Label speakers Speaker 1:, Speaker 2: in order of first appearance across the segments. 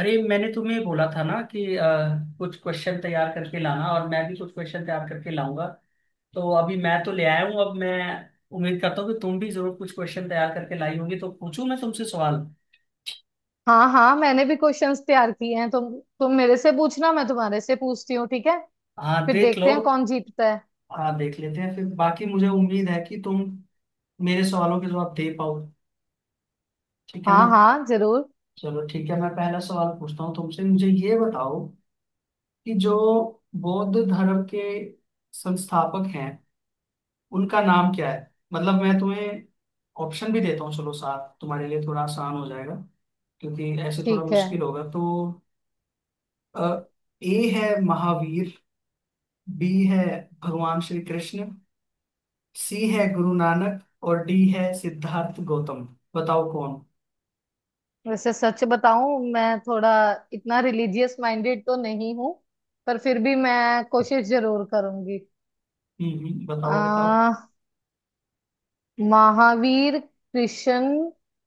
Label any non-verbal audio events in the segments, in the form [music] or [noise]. Speaker 1: अरे मैंने तुम्हें बोला था ना कि कुछ क्वेश्चन तैयार करके लाना, और मैं भी कुछ क्वेश्चन तैयार करके लाऊंगा। तो अभी मैं तो ले आया हूँ। अब मैं उम्मीद करता हूँ कि तुम भी जरूर कुछ क्वेश्चन तैयार करके लाई होगी, तो पूछूं मैं तुमसे सवाल।
Speaker 2: हाँ हाँ, मैंने भी क्वेश्चंस तैयार किए हैं। तुम मेरे से पूछना, मैं तुम्हारे से पूछती हूँ, ठीक है?
Speaker 1: हाँ,
Speaker 2: फिर
Speaker 1: देख लो।
Speaker 2: देखते हैं कौन जीतता है।
Speaker 1: हाँ, देख लेते हैं फिर। बाकी मुझे उम्मीद है कि तुम मेरे सवालों के जवाब दे पाओ। ठीक है
Speaker 2: हाँ
Speaker 1: ना।
Speaker 2: हाँ, जरूर।
Speaker 1: चलो ठीक है, मैं पहला सवाल पूछता हूँ तुमसे। मुझे ये बताओ कि जो बौद्ध धर्म के संस्थापक हैं, उनका नाम क्या है। मतलब मैं तुम्हें ऑप्शन भी देता हूँ, चलो साथ, तुम्हारे लिए थोड़ा आसान हो जाएगा, क्योंकि ऐसे थोड़ा
Speaker 2: ठीक है।
Speaker 1: मुश्किल होगा तो। ए है महावीर, बी है भगवान श्री कृष्ण, सी है गुरु नानक, और डी है सिद्धार्थ गौतम। बताओ कौन।
Speaker 2: वैसे सच बताऊं, मैं थोड़ा इतना रिलीजियस माइंडेड तो नहीं हूँ, पर फिर भी मैं कोशिश जरूर करूंगी।
Speaker 1: बताओ बताओ।
Speaker 2: आ, महावीर, कृष्ण,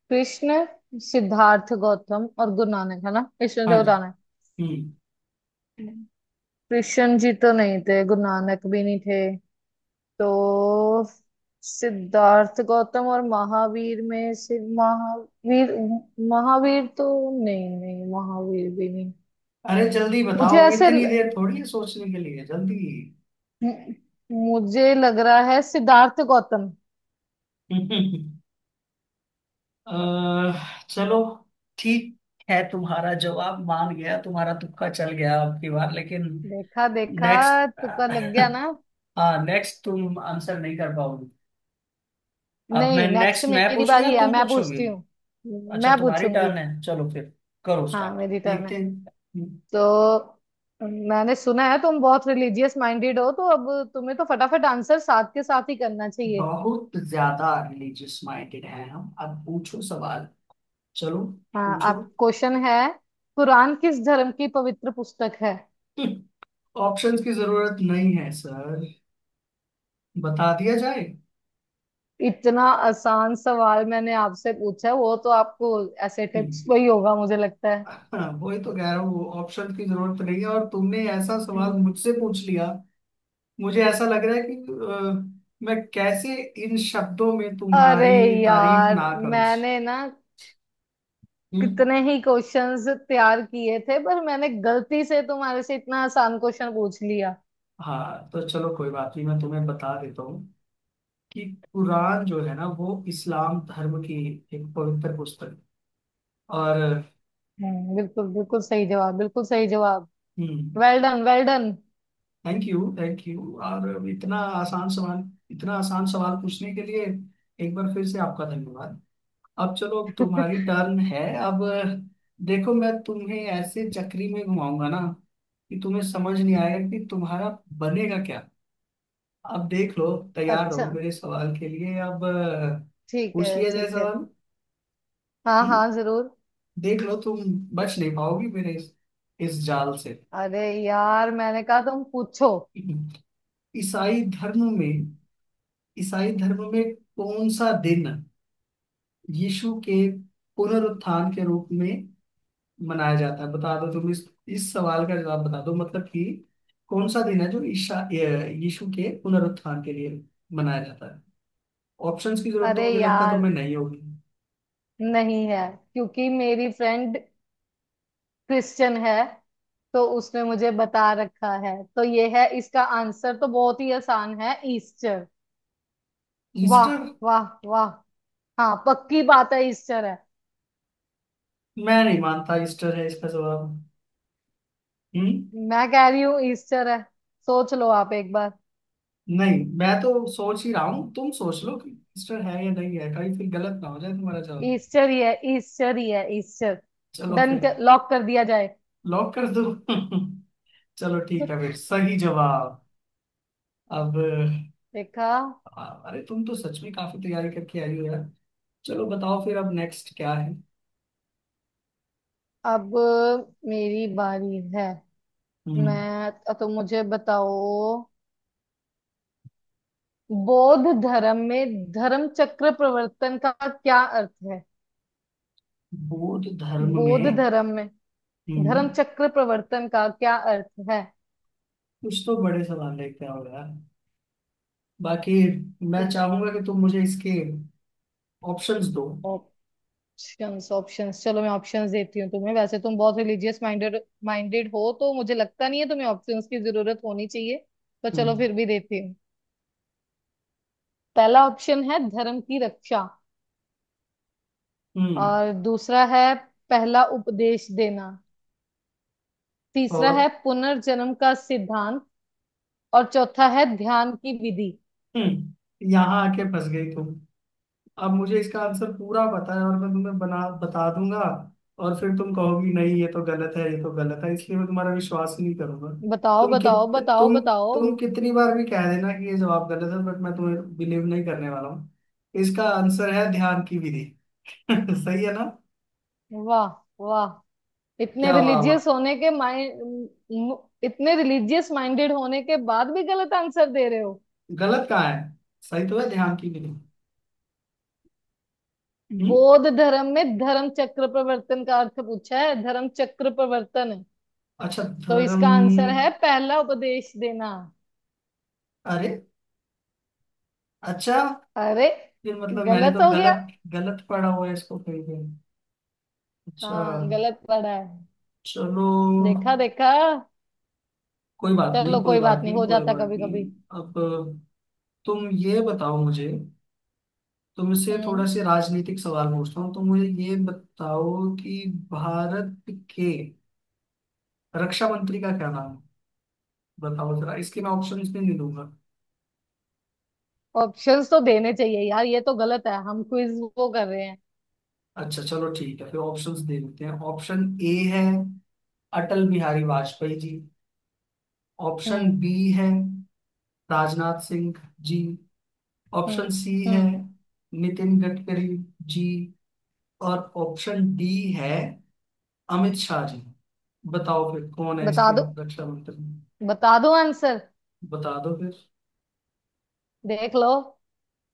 Speaker 2: कृष्ण, सिद्धार्थ गौतम और गुरु नानक है ना, इसमें
Speaker 1: हाँ
Speaker 2: से
Speaker 1: जी।
Speaker 2: बताना है।
Speaker 1: हम्म।
Speaker 2: कृष्ण जी तो नहीं थे, गुरु नानक भी नहीं थे, तो सिद्धार्थ गौतम और महावीर में से महावीर महावीर तो नहीं, नहीं, महावीर भी नहीं।
Speaker 1: अरे जल्दी
Speaker 2: मुझे
Speaker 1: बताओ,
Speaker 2: ऐसे
Speaker 1: इतनी
Speaker 2: ल-
Speaker 1: देर थोड़ी है सोचने के लिए, जल्दी।
Speaker 2: मुझे लग रहा है सिद्धार्थ गौतम।
Speaker 1: [laughs] चलो ठीक है, तुम्हारा जवाब मान गया। तुम्हारा तुक्का चल गया, आपकी बार लेकिन।
Speaker 2: देखा देखा,
Speaker 1: नेक्स्ट।
Speaker 2: तुक्का लग
Speaker 1: [laughs]
Speaker 2: गया ना।
Speaker 1: हाँ, नेक्स्ट तुम आंसर नहीं कर पाओगी। अब मैं
Speaker 2: नहीं, नेक्स्ट
Speaker 1: नेक्स्ट, मैं
Speaker 2: मेरी
Speaker 1: पूछूं या
Speaker 2: बारी है,
Speaker 1: तुम
Speaker 2: मैं
Speaker 1: पूछोगी।
Speaker 2: पूछती हूँ।
Speaker 1: अच्छा,
Speaker 2: मैं
Speaker 1: तुम्हारी
Speaker 2: पूछूंगी।
Speaker 1: टर्न है, चलो फिर। करो
Speaker 2: हाँ,
Speaker 1: स्टार्ट,
Speaker 2: मेरी टर्न
Speaker 1: देखते
Speaker 2: है।
Speaker 1: हैं।
Speaker 2: तो मैंने सुना है तुम बहुत रिलीजियस माइंडेड हो, तो अब तुम्हें तो फटाफट आंसर साथ के साथ ही करना चाहिए।
Speaker 1: बहुत ज्यादा रिलीजियस माइंडेड हैं हम। अब पूछो सवाल। चलो
Speaker 2: हाँ,
Speaker 1: पूछो।
Speaker 2: आप क्वेश्चन है। कुरान किस धर्म की पवित्र पुस्तक है?
Speaker 1: [laughs] ऑप्शंस की जरूरत नहीं है सर, बता दिया जाए।
Speaker 2: इतना आसान सवाल मैंने आपसे पूछा, वो तो आपको ऐसे टिप्स पे ही होगा, मुझे लगता है।
Speaker 1: हाँ, वही तो कह रहा हूँ वो ऑप्शन की जरूरत नहीं है, और तुमने ऐसा सवाल
Speaker 2: हम्म।
Speaker 1: मुझसे पूछ लिया। मुझे ऐसा लग रहा है कि मैं कैसे इन शब्दों में
Speaker 2: अरे
Speaker 1: तुम्हारी तारीफ
Speaker 2: यार,
Speaker 1: ना करूं।
Speaker 2: मैंने ना
Speaker 1: हम्म?
Speaker 2: कितने ही क्वेश्चंस तैयार किए थे, पर मैंने गलती से तुम्हारे से इतना आसान क्वेश्चन पूछ लिया।
Speaker 1: हाँ तो चलो, कोई बात नहीं, मैं तुम्हें बता देता हूँ कि कुरान जो है ना, वो इस्लाम धर्म की एक पवित्र पुस्तक है। और।
Speaker 2: हम्म, बिल्कुल बिल्कुल सही जवाब, बिल्कुल सही जवाब।
Speaker 1: Hmm.
Speaker 2: Well done, well done.
Speaker 1: Thank you thank you, और इतना आसान सवाल। इतना आसान सवाल पूछने के लिए एक बार फिर से आपका धन्यवाद। अब चलो, तुम्हारी
Speaker 2: [laughs]
Speaker 1: टर्न है। अब देखो, मैं तुम्हें ऐसे चक्री में घुमाऊंगा ना कि तुम्हें समझ नहीं आएगा कि तुम्हारा बनेगा क्या। अब देख लो। तैयार रहो
Speaker 2: अच्छा,
Speaker 1: मेरे सवाल के लिए। अब
Speaker 2: ठीक है,
Speaker 1: पूछ लिया जाए
Speaker 2: ठीक है।
Speaker 1: सवाल।
Speaker 2: हाँ
Speaker 1: हम्म,
Speaker 2: हाँ, जरूर।
Speaker 1: देख लो तुम बच नहीं पाओगी मेरे इस जाल से।
Speaker 2: अरे यार, मैंने कहा तुम पूछो।
Speaker 1: ईसाई धर्म में ईसाई धर्म में कौन सा दिन यीशु के पुनरुत्थान के रूप में मनाया जाता है। बता दो तुम इस सवाल का जवाब, बता दो। मतलब कि कौन सा दिन है जो यीशु के पुनरुत्थान के लिए मनाया जाता है। ऑप्शंस की जरूरत तो
Speaker 2: अरे
Speaker 1: मुझे लगता है
Speaker 2: यार,
Speaker 1: तुम्हें नहीं होगी।
Speaker 2: नहीं है, क्योंकि मेरी फ्रेंड क्रिश्चियन है, तो उसने मुझे बता रखा है, तो ये है इसका आंसर, तो बहुत ही आसान है, ईस्टर। वाह,
Speaker 1: ईस्टर।
Speaker 2: वाह वाह। हाँ, पक्की बात है, ईस्टर है।
Speaker 1: मैं नहीं मानता ईस्टर है इसका जवाब। हम्म।
Speaker 2: मैं कह रही हूँ ईस्टर है, सोच लो आप एक बार।
Speaker 1: नहीं, मैं तो सोच ही रहा हूँ, तुम सोच लो कि ईस्टर है या नहीं है, कहीं फिर गलत ना हो जाए तुम्हारा जवाब।
Speaker 2: ईस्टर ही है, ईस्टर ही है, ईस्टर।
Speaker 1: चलो
Speaker 2: डन
Speaker 1: फिर।
Speaker 2: कर, लॉक कर दिया जाए।
Speaker 1: लॉक कर दो। [laughs] चलो ठीक है फिर, सही जवाब। अब।
Speaker 2: देखा।
Speaker 1: अरे तुम तो सच में काफी तैयारी करके आई हो यार। चलो बताओ फिर, अब नेक्स्ट क्या है।
Speaker 2: अब मेरी बारी है।
Speaker 1: हम्म
Speaker 2: मैं तो मुझे बताओ, बौद्ध धर्म में धर्म चक्र प्रवर्तन का क्या अर्थ है?
Speaker 1: बौद्ध धर्म
Speaker 2: बौद्ध
Speaker 1: में।
Speaker 2: धर्म में
Speaker 1: हम्म
Speaker 2: धर्म चक्र प्रवर्तन का क्या अर्थ है?
Speaker 1: कुछ तो बड़े सवाल लेके आओ यार। बाकी मैं
Speaker 2: तुम
Speaker 1: चाहूंगा कि तुम मुझे इसके ऑप्शंस दो।
Speaker 2: ऑप्शंस ऑप्शंस चलो, मैं ऑप्शंस देती हूँ तुम्हें। वैसे तुम बहुत रिलीजियस माइंडेड माइंडेड हो, तो मुझे लगता नहीं है तुम्हें ऑप्शंस की जरूरत होनी चाहिए, तो चलो
Speaker 1: हम्म।
Speaker 2: फिर भी देती हूँ। पहला ऑप्शन है धर्म की रक्षा,
Speaker 1: हम्म।
Speaker 2: और दूसरा है पहला उपदेश देना, तीसरा है
Speaker 1: और।
Speaker 2: पुनर्जन्म का सिद्धांत, और चौथा है ध्यान की विधि।
Speaker 1: यहाँ आके फंस गई तुम। अब मुझे इसका आंसर पूरा पता है, और मैं तुम्हें बना बता दूंगा। और फिर तुम कहोगी नहीं, ये तो गलत है, ये तो गलत है, इसलिए मैं तुम्हारा विश्वास ही नहीं करूंगा।
Speaker 2: बताओ
Speaker 1: तुम
Speaker 2: बताओ
Speaker 1: कित
Speaker 2: बताओ
Speaker 1: तुम
Speaker 2: बताओ।
Speaker 1: तुम कितनी बार भी कह देना कि ये जवाब गलत है, बट मैं तुम्हें बिलीव नहीं करने वाला हूँ। इसका आंसर है ध्यान की विधि। [laughs] सही है ना?
Speaker 2: वाह वाह, इतने
Speaker 1: क्या वाह वाह।
Speaker 2: रिलीजियस होने के माइंड, इतने रिलीजियस माइंडेड होने के बाद भी गलत आंसर दे रहे हो।
Speaker 1: गलत कहाँ है? सही तो है, ध्यान की विधि। हम्म।
Speaker 2: बौद्ध धर्म में धर्म चक्र प्रवर्तन का अर्थ पूछा है, धर्म चक्र प्रवर्तन है,
Speaker 1: अच्छा
Speaker 2: तो
Speaker 1: धर्म।
Speaker 2: इसका आंसर है पहला उपदेश देना।
Speaker 1: अरे अच्छा,
Speaker 2: अरे,
Speaker 1: ये मतलब मैंने
Speaker 2: गलत
Speaker 1: तो
Speaker 2: हो गया।
Speaker 1: गलत, गलत पढ़ा हुआ है इसको कहीं पे। अच्छा
Speaker 2: हाँ, गलत पड़ा है।
Speaker 1: चलो,
Speaker 2: देखा देखा।
Speaker 1: कोई बात
Speaker 2: चलो
Speaker 1: नहीं, कोई
Speaker 2: कोई
Speaker 1: बात
Speaker 2: बात नहीं,
Speaker 1: नहीं,
Speaker 2: हो
Speaker 1: कोई
Speaker 2: जाता
Speaker 1: बात
Speaker 2: कभी कभी।
Speaker 1: नहीं। अब तुम ये बताओ मुझे, तुमसे थोड़ा
Speaker 2: हम्म।
Speaker 1: से राजनीतिक सवाल पूछता हूँ। तुम मुझे ये बताओ कि भारत के रक्षा मंत्री का क्या नाम है। बताओ जरा, इसके मैं ऑप्शंस भी नहीं दूंगा।
Speaker 2: ऑप्शंस तो देने चाहिए यार, ये तो गलत है, हम क्विज वो कर रहे हैं।
Speaker 1: अच्छा चलो ठीक है फिर, ऑप्शंस दे देते हैं। ऑप्शन ए है Atal Bihari Vajpayee ji, option
Speaker 2: hmm,
Speaker 1: B है Rajnath Singh ji, option
Speaker 2: hmm,
Speaker 1: C है
Speaker 2: हम्म,
Speaker 1: नितिन गडकरी जी, और ऑप्शन डी है अमित शाह जी। बताओ फिर कौन है
Speaker 2: बता
Speaker 1: इसके
Speaker 2: दो,
Speaker 1: रक्षा मंत्री।
Speaker 2: बता दो आंसर,
Speaker 1: बता दो फिर।
Speaker 2: देख लो।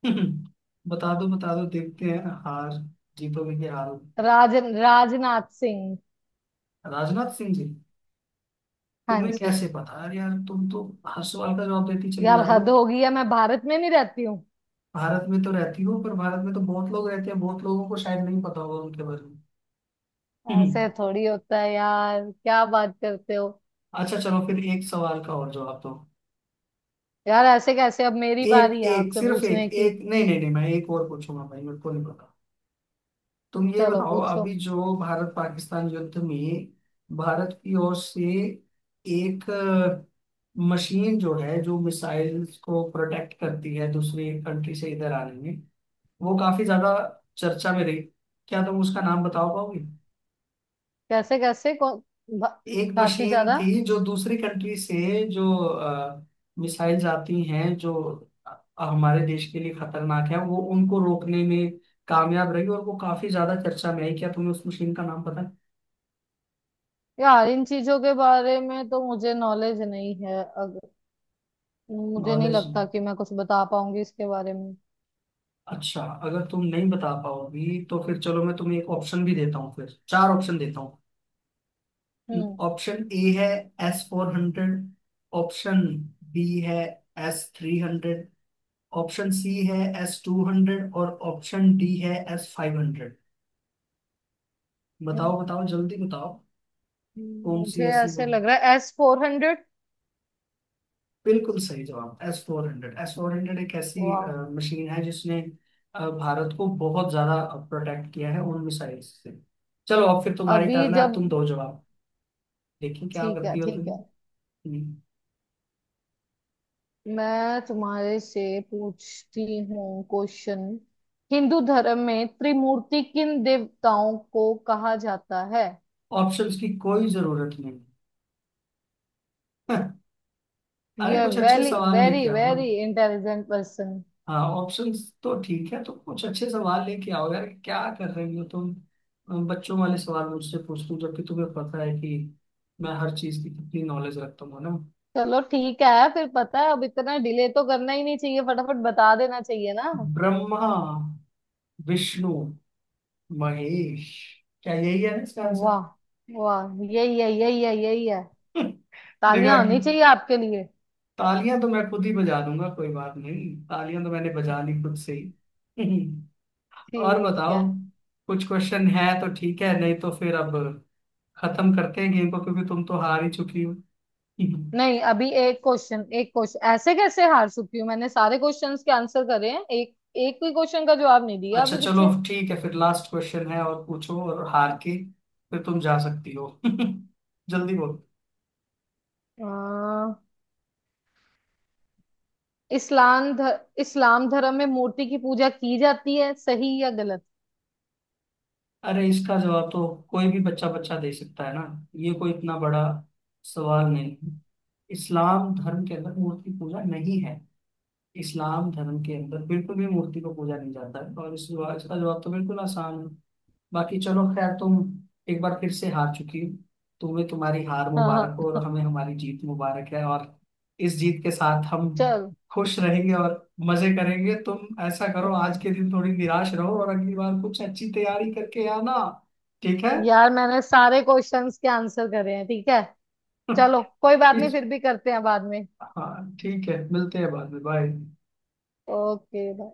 Speaker 1: [laughs] बता दो बता दो, देखते हैं हार जीतोगे कि हारोगे।
Speaker 2: राज राजनाथ सिंह।
Speaker 1: राजनाथ सिंह जी।
Speaker 2: हाँ
Speaker 1: तुम्हें
Speaker 2: जी,
Speaker 1: कैसे पता? अरे यार, तुम तो हर सवाल का जवाब देती चली
Speaker 2: यार
Speaker 1: जा रही हो।
Speaker 2: हद हो गई है, मैं भारत में नहीं रहती हूँ।
Speaker 1: भारत में तो रहती हो, पर भारत में तो बहुत लोग रहते हैं, बहुत लोगों को शायद नहीं पता होगा उनके बारे में। [laughs]
Speaker 2: ऐसे
Speaker 1: हम्म,
Speaker 2: थोड़ी होता है यार, क्या बात करते हो?
Speaker 1: अच्छा चलो फिर, एक सवाल का और जवाब दो।
Speaker 2: यार ऐसे कैसे, अब मेरी
Speaker 1: एक
Speaker 2: बारी है
Speaker 1: एक
Speaker 2: आपसे
Speaker 1: सिर्फ
Speaker 2: पूछने
Speaker 1: एक
Speaker 2: की।
Speaker 1: एक, नहीं नहीं नहीं, मैं एक और पूछूंगा भाई, मेरे को नहीं पता। तुम ये
Speaker 2: चलो
Speaker 1: बताओ,
Speaker 2: पूछो।
Speaker 1: अभी जो भारत पाकिस्तान युद्ध में भारत की ओर से एक मशीन जो है, जो मिसाइल्स को प्रोटेक्ट करती है दूसरी कंट्री से इधर आने में, वो काफी ज्यादा चर्चा में रही, क्या तुम उसका नाम बताओ पाओगे?
Speaker 2: कैसे कैसे कौन, भा-
Speaker 1: एक
Speaker 2: काफी
Speaker 1: मशीन
Speaker 2: ज्यादा।
Speaker 1: थी जो दूसरी कंट्री से, जो मिसाइल्स आती हैं जो हमारे देश के लिए खतरनाक है, वो उनको रोकने में कामयाब रही, और वो काफी ज्यादा चर्चा में आई। क्या तुम्हें उस मशीन का नाम पता है?
Speaker 2: यार, इन चीजों के बारे में तो मुझे नॉलेज नहीं है। मुझे नहीं
Speaker 1: नॉलेज।
Speaker 2: लगता कि मैं कुछ बता पाऊंगी इसके बारे में।
Speaker 1: अच्छा, अगर तुम नहीं बता पाओगी तो फिर चलो, मैं तुम्हें एक ऑप्शन भी देता हूँ, फिर चार ऑप्शन देता हूँ।
Speaker 2: हम्म,
Speaker 1: ऑप्शन ए है S-400। ऑप्शन बी है S-300। ऑप्शन सी है S-200, और ऑप्शन डी है S-500। बताओ बताओ जल्दी बताओ। कौन सी
Speaker 2: मुझे
Speaker 1: ऐसी हो?
Speaker 2: ऐसे लग रहा है S-400।
Speaker 1: बिल्कुल सही जवाब, S four hundred. S four hundred एक ऐसी
Speaker 2: वाह।
Speaker 1: मशीन है जिसने भारत को बहुत ज्यादा प्रोटेक्ट किया है उन मिसाइल से। चलो अब फिर तुम्हारी
Speaker 2: अभी
Speaker 1: टर्न है। अब
Speaker 2: जब
Speaker 1: तुम दो जवाब, देखिए क्या
Speaker 2: ठीक है,
Speaker 1: करती हो तुम।
Speaker 2: ठीक है, मैं तुम्हारे से पूछती हूँ क्वेश्चन। हिंदू धर्म में त्रिमूर्ति किन देवताओं को कहा जाता है?
Speaker 1: ऑप्शंस की कोई जरूरत नहीं। [laughs] अरे
Speaker 2: यह
Speaker 1: कुछ अच्छे
Speaker 2: वेरी
Speaker 1: सवाल
Speaker 2: वेरी
Speaker 1: लेके आओ ना।
Speaker 2: Very intelligent person.
Speaker 1: हाँ, ऑप्शंस तो ठीक है, तो कुछ अच्छे सवाल लेके आओ यार, क्या कर रही हो तुम। बच्चों वाले सवाल मुझसे पूछती हूँ, जबकि तुम्हें पता है कि मैं हर चीज की कितनी नॉलेज रखता हूँ ना।
Speaker 2: चलो ठीक है, फिर पता है, अब इतना डिले तो करना ही नहीं चाहिए, फटाफट बता देना चाहिए ना।
Speaker 1: ब्रह्मा, विष्णु, महेश। क्या यही है ना इसका आंसर?
Speaker 2: वाह
Speaker 1: [laughs]
Speaker 2: वाह, यही है, यही है, यही है।
Speaker 1: देखा
Speaker 2: तालियां
Speaker 1: कि?
Speaker 2: होनी चाहिए आपके लिए।
Speaker 1: तालियां तो मैं खुद ही बजा दूंगा, कोई बात नहीं। तालियां तो मैंने बजा ली खुद से ही। [laughs] और
Speaker 2: ठीक है।
Speaker 1: बताओ, कुछ क्वेश्चन है तो ठीक है, नहीं तो फिर अब खत्म करते हैं गेम को, क्योंकि तुम तो हार ही चुकी हो। हम्म।
Speaker 2: नहीं, अभी एक क्वेश्चन, एक क्वेश्चन, ऐसे कैसे हार चुकी हूँ? मैंने सारे क्वेश्चंस के आंसर करे हैं, एक एक भी क्वेश्चन का जवाब नहीं दिया
Speaker 1: अच्छा
Speaker 2: अभी
Speaker 1: चलो
Speaker 2: पीछे।
Speaker 1: ठीक है फिर, लास्ट क्वेश्चन है और पूछो, और हार के फिर तुम जा सकती हो। [laughs] जल्दी बोलो।
Speaker 2: अ, इस्लाम ध, इस्लाम धर्म में मूर्ति की पूजा की जाती है, सही या गलत?
Speaker 1: अरे इसका जवाब तो कोई भी बच्चा बच्चा दे सकता है ना। ये कोई इतना बड़ा सवाल नहीं है। इस्लाम धर्म के अंदर मूर्ति पूजा नहीं है। इस्लाम धर्म के अंदर बिल्कुल भी मूर्ति को पूजा नहीं जाता है, और इस जवाब इसका जवाब तो बिल्कुल आसान है। बाकी चलो खैर, तुम एक बार फिर से हार चुकी हो। तुम्हें तुम्हारी हार
Speaker 2: हाँ
Speaker 1: मुबारक हो, और
Speaker 2: हाँ।
Speaker 1: हमें हमारी जीत मुबारक है, और इस जीत के साथ हम
Speaker 2: चलो,
Speaker 1: खुश रहेंगे और मजे करेंगे। तुम ऐसा करो, आज के दिन थोड़ी निराश रहो, और अगली बार कुछ अच्छी तैयारी करके आना। ठीक है?
Speaker 2: यार, मैंने सारे क्वेश्चंस के आंसर करे हैं, ठीक है। चलो
Speaker 1: [laughs]
Speaker 2: कोई बात नहीं,
Speaker 1: इस
Speaker 2: फिर भी करते हैं बाद में।
Speaker 1: हाँ ठीक है, मिलते हैं बाद में। बाय।
Speaker 2: ओके।